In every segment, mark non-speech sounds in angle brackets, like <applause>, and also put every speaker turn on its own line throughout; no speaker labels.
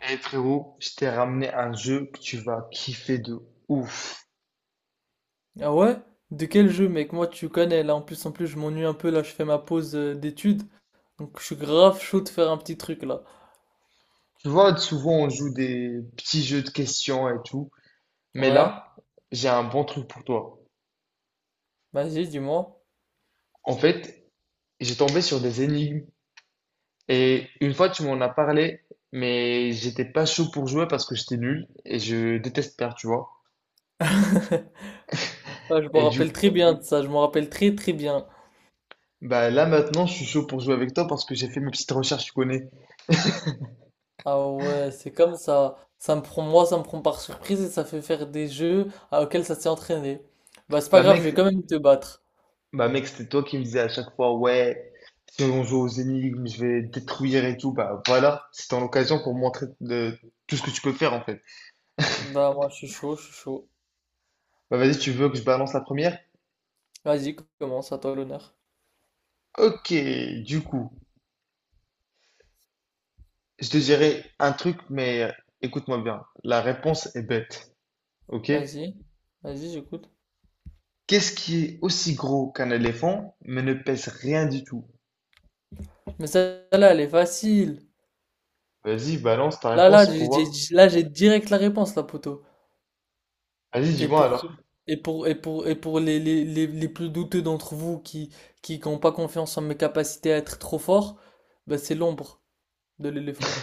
Eh frérot, je t'ai ramené un jeu que tu vas kiffer de ouf.
Ah ouais? De quel jeu, mec? Moi, tu connais, là. En plus, je m'ennuie un peu, là. Je fais ma pause d'études. Donc, je suis grave chaud de faire un petit truc, là.
Tu vois, souvent on joue des petits jeux de questions et tout, mais
Ouais?
là, j'ai un bon truc pour toi.
Vas-y, dis-moi.
En fait, j'ai tombé sur des énigmes et une fois tu m'en as parlé, mais j'étais pas chaud pour jouer parce que j'étais nul et je déteste perdre, tu vois.
<laughs> Ah, je me
Et du
rappelle très bien de ça. Je me rappelle très, très bien.
bah là maintenant, je suis chaud pour jouer avec toi parce que j'ai fait mes petites recherches, tu connais.
Ah ouais, c'est comme ça. Ça me prend, moi, ça me prend par surprise et ça fait faire des jeux auxquels ça s'est entraîné. Bah, c'est pas
Bah
grave, je vais quand
mec,
même te battre.
Bah mec, c'était toi qui me disais à chaque fois, ouais, si on joue aux énigmes, je vais détruire et tout. Bah voilà, c'était en l'occasion pour tout ce que tu peux faire en fait.
Bah, moi, je suis chaud, je suis chaud.
Bah vas-y, tu veux que je balance la première?
Vas-y, commence, à toi l'honneur.
Ok, du coup, je te dirai un truc, mais écoute-moi bien. La réponse est bête, ok?
Vas-y. Vas-y, j'écoute.
Qu'est-ce qui est aussi gros qu'un éléphant, mais ne pèse rien du tout?
Mais celle-là, elle est facile.
Vas-y, balance ta
Là, là,
réponse pour
j'ai, j'ai-
voir.
j'ai- là, j'ai direct la réponse, là, poteau.
Vas-y,
Et
dis-moi
pour,
alors.
et pour les plus douteux d'entre vous qui n'ont pas confiance en mes capacités à être trop fort, bah, c'est l'ombre de l'éléphant.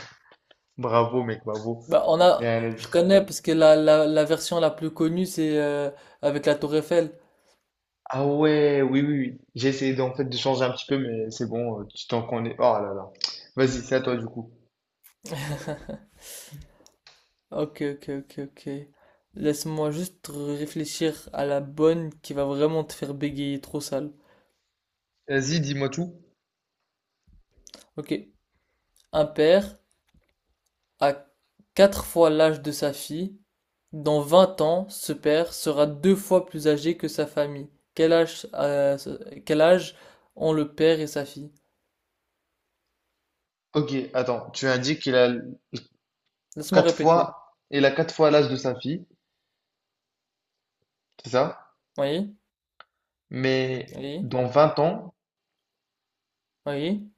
Bravo mec, bravo.
Bah, on a, je connais parce que la version la plus connue, c'est avec la tour Eiffel.
Ah ouais, oui, oui, oui. J'ai essayé d'en fait de changer un petit peu, mais c'est bon, tu t'en connais. Oh là là. Vas-y, c'est à toi du coup.
<laughs> Ok, ok, ok, ok. Laisse-moi juste réfléchir à la bonne qui va vraiment te faire bégayer trop sale.
Vas-y, dis-moi tout.
Ok. Un père a quatre fois l'âge de sa fille. Dans 20 ans, ce père sera deux fois plus âgé que sa famille. Quel âge, euh, quel âge ont le père et sa fille?
Ok, attends, tu indiques qu'il a
Laisse-moi
quatre
répéter.
fois, il a quatre fois l'âge de sa fille, c'est ça?
Oui,
Mais
oui,
dans 20 ans,
oui.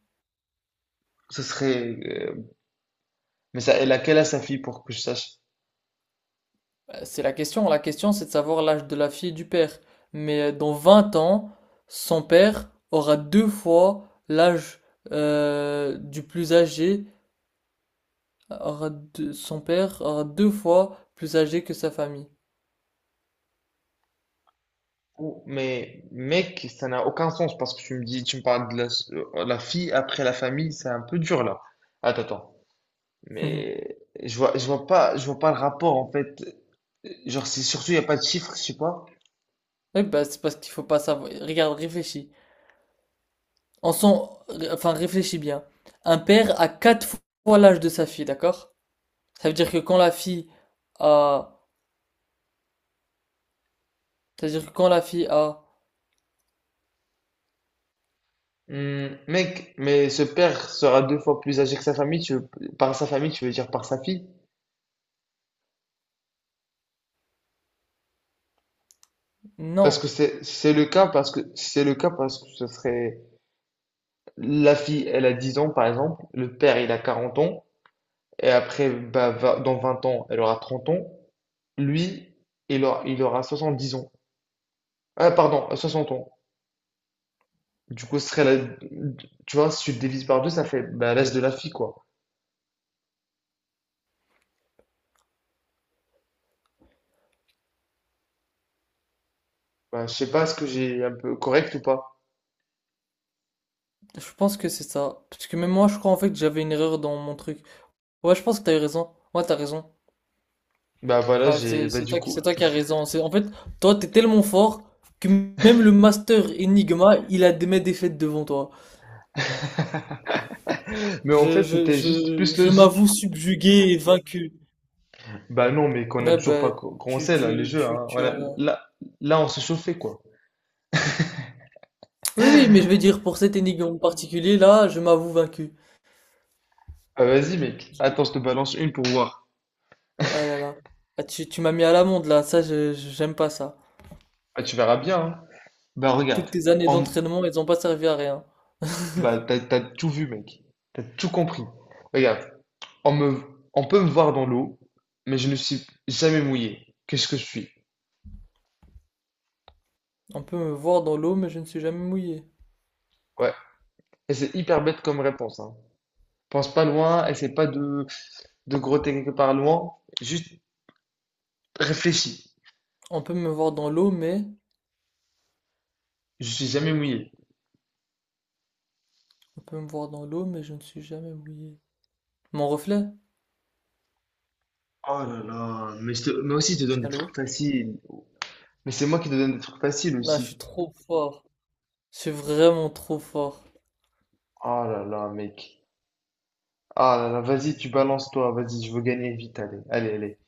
ce serait. Mais ça, elle a quel âge sa fille pour que je sache?
C'est la question. La question, c'est de savoir l'âge de la fille et du père. Mais dans 20 ans, son père aura deux fois l'âge du plus âgé. Son père aura deux fois plus âgé que sa famille.
Mais mec, ça n'a aucun sens parce que tu me parles de la, la fille après la famille, c'est un peu dur là. Attends.
<laughs>
Mais je vois pas le rapport en fait. Genre, c'est surtout, il n'y a pas de chiffres je sais pas.
Oui, bah, c'est parce qu'il faut pas savoir. Regarde, réfléchis. Enfin, réfléchis bien. Un père a quatre fois l'âge de sa fille, d'accord? Ça veut dire que quand la fille a, ça veut dire que quand la fille a,
Mec, mais ce père sera deux fois plus âgé que sa famille, tu veux dire par sa fille? Parce que
non,
c'est le cas, parce que c'est le cas, parce que ce serait la fille, elle a 10 ans par exemple, le père il a 40 ans, et après, bah, dans 20 ans, elle aura 30 ans, lui, il aura 70 ans. Ah, pardon, 60 ans. Du coup, ce serait la… Tu vois, si tu le divises par deux, ça fait bah, l'âge de la fille, quoi. Bah, je sais pas, est-ce que j'ai un peu correct ou pas?
je pense que c'est ça. Parce que même moi, je crois en fait que j'avais une erreur dans mon truc. Ouais, je pense que t'as eu raison. Ouais, t'as raison.
Bah voilà,
Ouais,
j'ai…
c'est,
Bah
c'est
du
toi,
coup…
c'est toi qui as raison. C'est, en fait, toi, t'es tellement fort que même le master Enigma, il a des mes défaites devant toi.
Mais en
Je,
fait,
je,
c'était juste
je,
plus
je m'avoue
logique.
subjugué et vaincu.
Bah non, mais qu'on n'a
Ouais,
toujours pas
bah, tu,
commencé, là, le
tu,
jeu,
tu,
hein.
tu
Voilà,
as.
là, on se chauffait, quoi.
Oui, oui, mais je veux dire, pour cette énigme en particulier, là, je m'avoue vaincu.
Ah, vas-y, mec. Attends, je te balance une pour voir.
Ah là là. Ah, tu m'as mis à l'amende, là. Ça, j'aime pas ça.
Ah, tu verras bien, hein. Bah regarde.
Toutes tes années
En…
d'entraînement, elles ont pas servi à rien.
Bah t'as tout vu, mec. T'as tout compris. Regarde. On me… on peut me voir dans l'eau, mais je ne suis jamais mouillé. Qu'est-ce que je suis?
On peut me voir dans l'eau, mais je ne suis jamais mouillé.
Ouais. Et c'est hyper bête comme réponse, hein. Pense pas loin, essaie pas de, de grotter quelque part loin, juste réfléchis.
On peut me voir dans l'eau, mais...
Je suis jamais mouillé.
On peut me voir dans l'eau, mais je ne suis jamais mouillé. Mon reflet?
Oh là là, mais aussi je te donne des trucs
Allô?
faciles. Mais c'est moi qui te donne des trucs faciles
Là, je
aussi.
suis trop fort. Je suis vraiment trop fort.
Oh là là, mec. Ah là là, vas-y, tu balances toi, vas-y, je veux gagner vite, allez, allez, allez.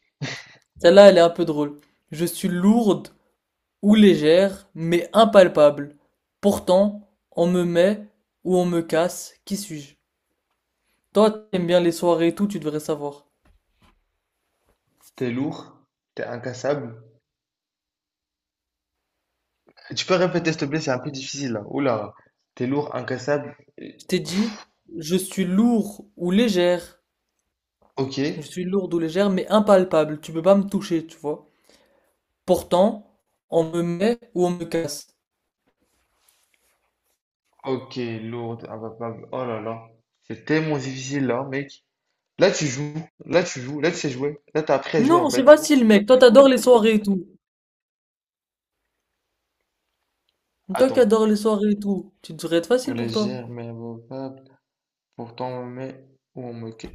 Celle-là, elle est un peu drôle. Je suis lourde ou légère, mais impalpable. Pourtant, on me met ou on me casse. Qui suis-je? Toi, t'aimes bien les soirées et tout, tu devrais savoir.
T'es lourd, t'es incassable. Tu peux répéter s'il te plaît, c'est un peu difficile là. Oula, t'es lourd, incassable.
Je t'ai dit, je suis lourd ou légère.
Ok,
Je suis lourde ou légère, mais impalpable. Tu peux pas me toucher, tu vois. Pourtant, on me met ou on me casse.
ok, lourd, imbattable. Oh là là, c'est tellement difficile là, mec. Là, tu joues, là, tu sais jouer, là, t'as appris à jouer en
Non, c'est
fait.
facile, mec. Toi, t'adores les soirées et tout. Toi qui
Attends.
adores les soirées et tout, tu devrais être facile pour toi.
Légère mais abordable, pourtant ou on me, ca-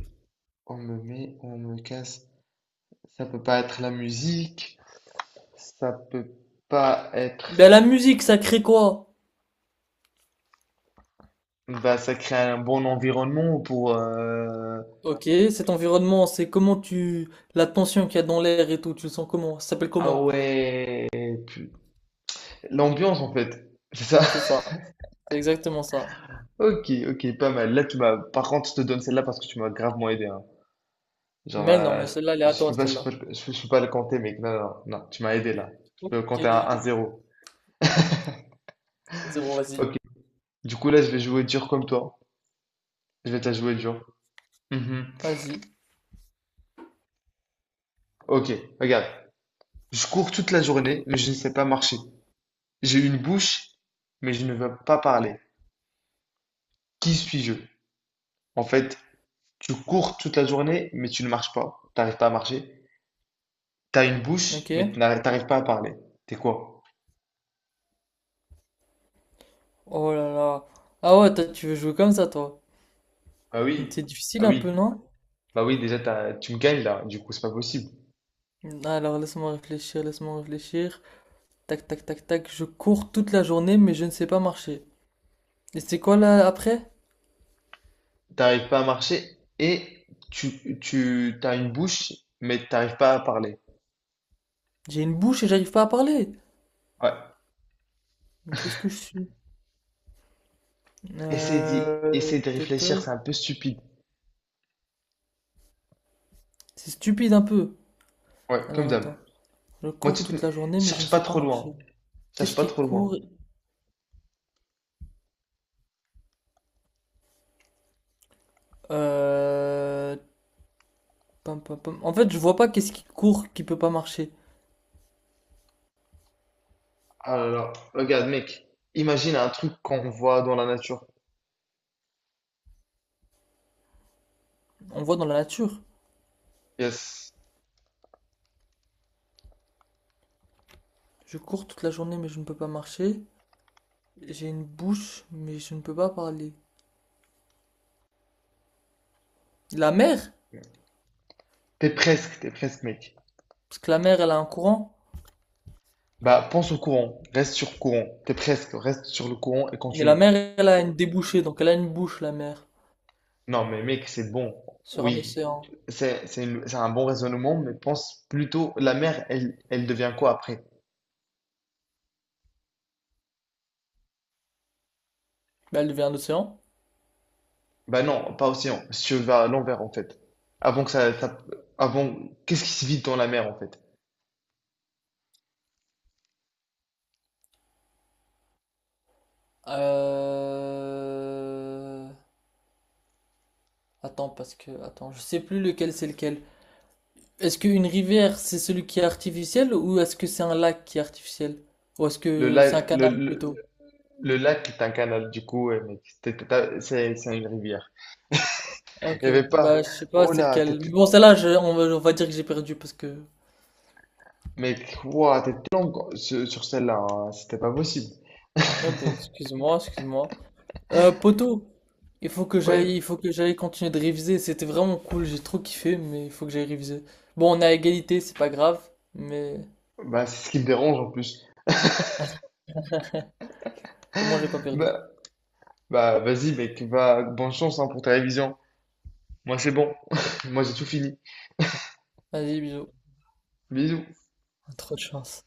on me met ou on me casse. Ça peut pas être la musique, ça peut pas être.
Ben, la musique, ça crée quoi?
Bah, ça crée un bon environnement pour.
Ok, cet environnement, c'est comment tu... La tension qu'il y a dans l'air et tout, tu le sens comment? Ça s'appelle
Ah
comment?
ouais, pu- l'ambiance en fait, c'est ça.
C'est
<laughs>
ça. C'est exactement ça.
Ok, ok, pas mal. Là, tu m'as. Par contre, je te donne celle-là parce que tu m'as gravement aidé. Hein. Genre,
Mais non, mais celle-là, elle est à
je peux
toi,
pas, je
celle-là.
peux, je peux pas le compter, mec. Non, non, non, tu m'as aidé là. Je peux
Ok.
compter à 1-0.
Zéro, vas-y.
Ok. Du coup, là, je vais jouer dur comme toi. Je vais te la jouer dur. Mhm.
Vas-y.
Ok, regarde. Je cours toute la journée, mais je ne sais pas marcher. J'ai une bouche, mais je ne veux pas parler. Qui suis-je? En fait, tu cours toute la journée, mais tu ne marches pas. T'arrives pas à marcher. T'as une bouche,
Ok.
mais t'arrives pas à parler. T'es quoi?
Oh là là. Ah ouais, toi, tu veux jouer comme ça, toi.
Ah oui,
C'est
ah
difficile un
oui.
peu, non?
Bah oui, déjà, tu me gagnes là. Du coup, c'est pas possible.
Alors, laisse-moi réfléchir, laisse-moi réfléchir. Tac, tac, tac, tac. Je cours toute la journée, mais je ne sais pas marcher. Et c'est quoi là après?
T'arrives pas à marcher et tu as une bouche, mais t'arrives pas à parler.
J'ai une bouche et j'arrive pas à parler.
Ouais.
Mais qu'est-ce que je suis?
Essaye de
Tata.
réfléchir, c'est un peu stupide.
C'est stupide un peu.
Ouais, comme
Alors,
d'hab.
attends. Je
Moi,
cours
tu te…
toute la journée, mais je ne
cherche pas
sais pas
trop loin.
marcher.
Cherche
Qu'est-ce
pas
qui
trop loin.
court? Euh... Pam, pam, pam. En fait, je vois pas qu'est-ce qui court qui peut pas marcher.
Ah là là. Regarde, mec. Imagine un truc qu'on voit dans la nature.
On voit dans la nature.
Yes.
Je cours toute la journée, mais je ne peux pas marcher. J'ai une bouche, mais je ne peux pas parler. La mer,
T'es presque, mec.
parce que la mer, elle a un courant.
Bah, pense au courant. Reste sur courant. T'es presque. Reste sur le courant et
Et la
continue.
mer, elle a une débouchée, donc elle a une bouche, la mer,
Non, mais mec, c'est bon.
sur un
Oui,
océan.
c'est un bon raisonnement, mais pense plutôt, la mère, elle devient quoi après?
Bah, elle devient un océan.
Bah non, pas océan. Si je vais à l'envers, en fait. Avant que ça- avant, qu'est-ce qui se vide dans la mer, en fait?
Euh... Attends, je sais plus lequel c'est lequel. Est-ce qu'une rivière, c'est celui qui est artificiel, ou est-ce que c'est un lac qui est artificiel? Ou est-ce
Le
que c'est un
lac, le,
canal
le,
plutôt?
le lac est un canal, du coup, ouais, mec, c'est une rivière. Il n'y
Ok,
avait pas.
bah je sais pas
Oh
c'est
là, t'es-
lequel. Mais bon, celle-là, on va dire que j'ai perdu parce que.
mec, ouah, t'es long sur, sur celle-là, hein, c'était pas possible.
Ah bah, excuse-moi, excuse-moi. Poto, il faut que
Ouais,
j'aille, il faut que j'aille continuer de réviser. C'était vraiment cool, j'ai trop kiffé, mais il faut que j'aille réviser. Bon, on est à égalité, c'est pas grave, mais
bah c'est ce qui me dérange en plus.
<laughs> au moins j'ai pas perdu.
Bah, Bah, vas-y, mec, va, bonne chance hein, pour ta révision. Moi, c'est bon. <laughs> Moi, j'ai tout fini.
Vas-y, bisous.
Bisous.
Trop de chance.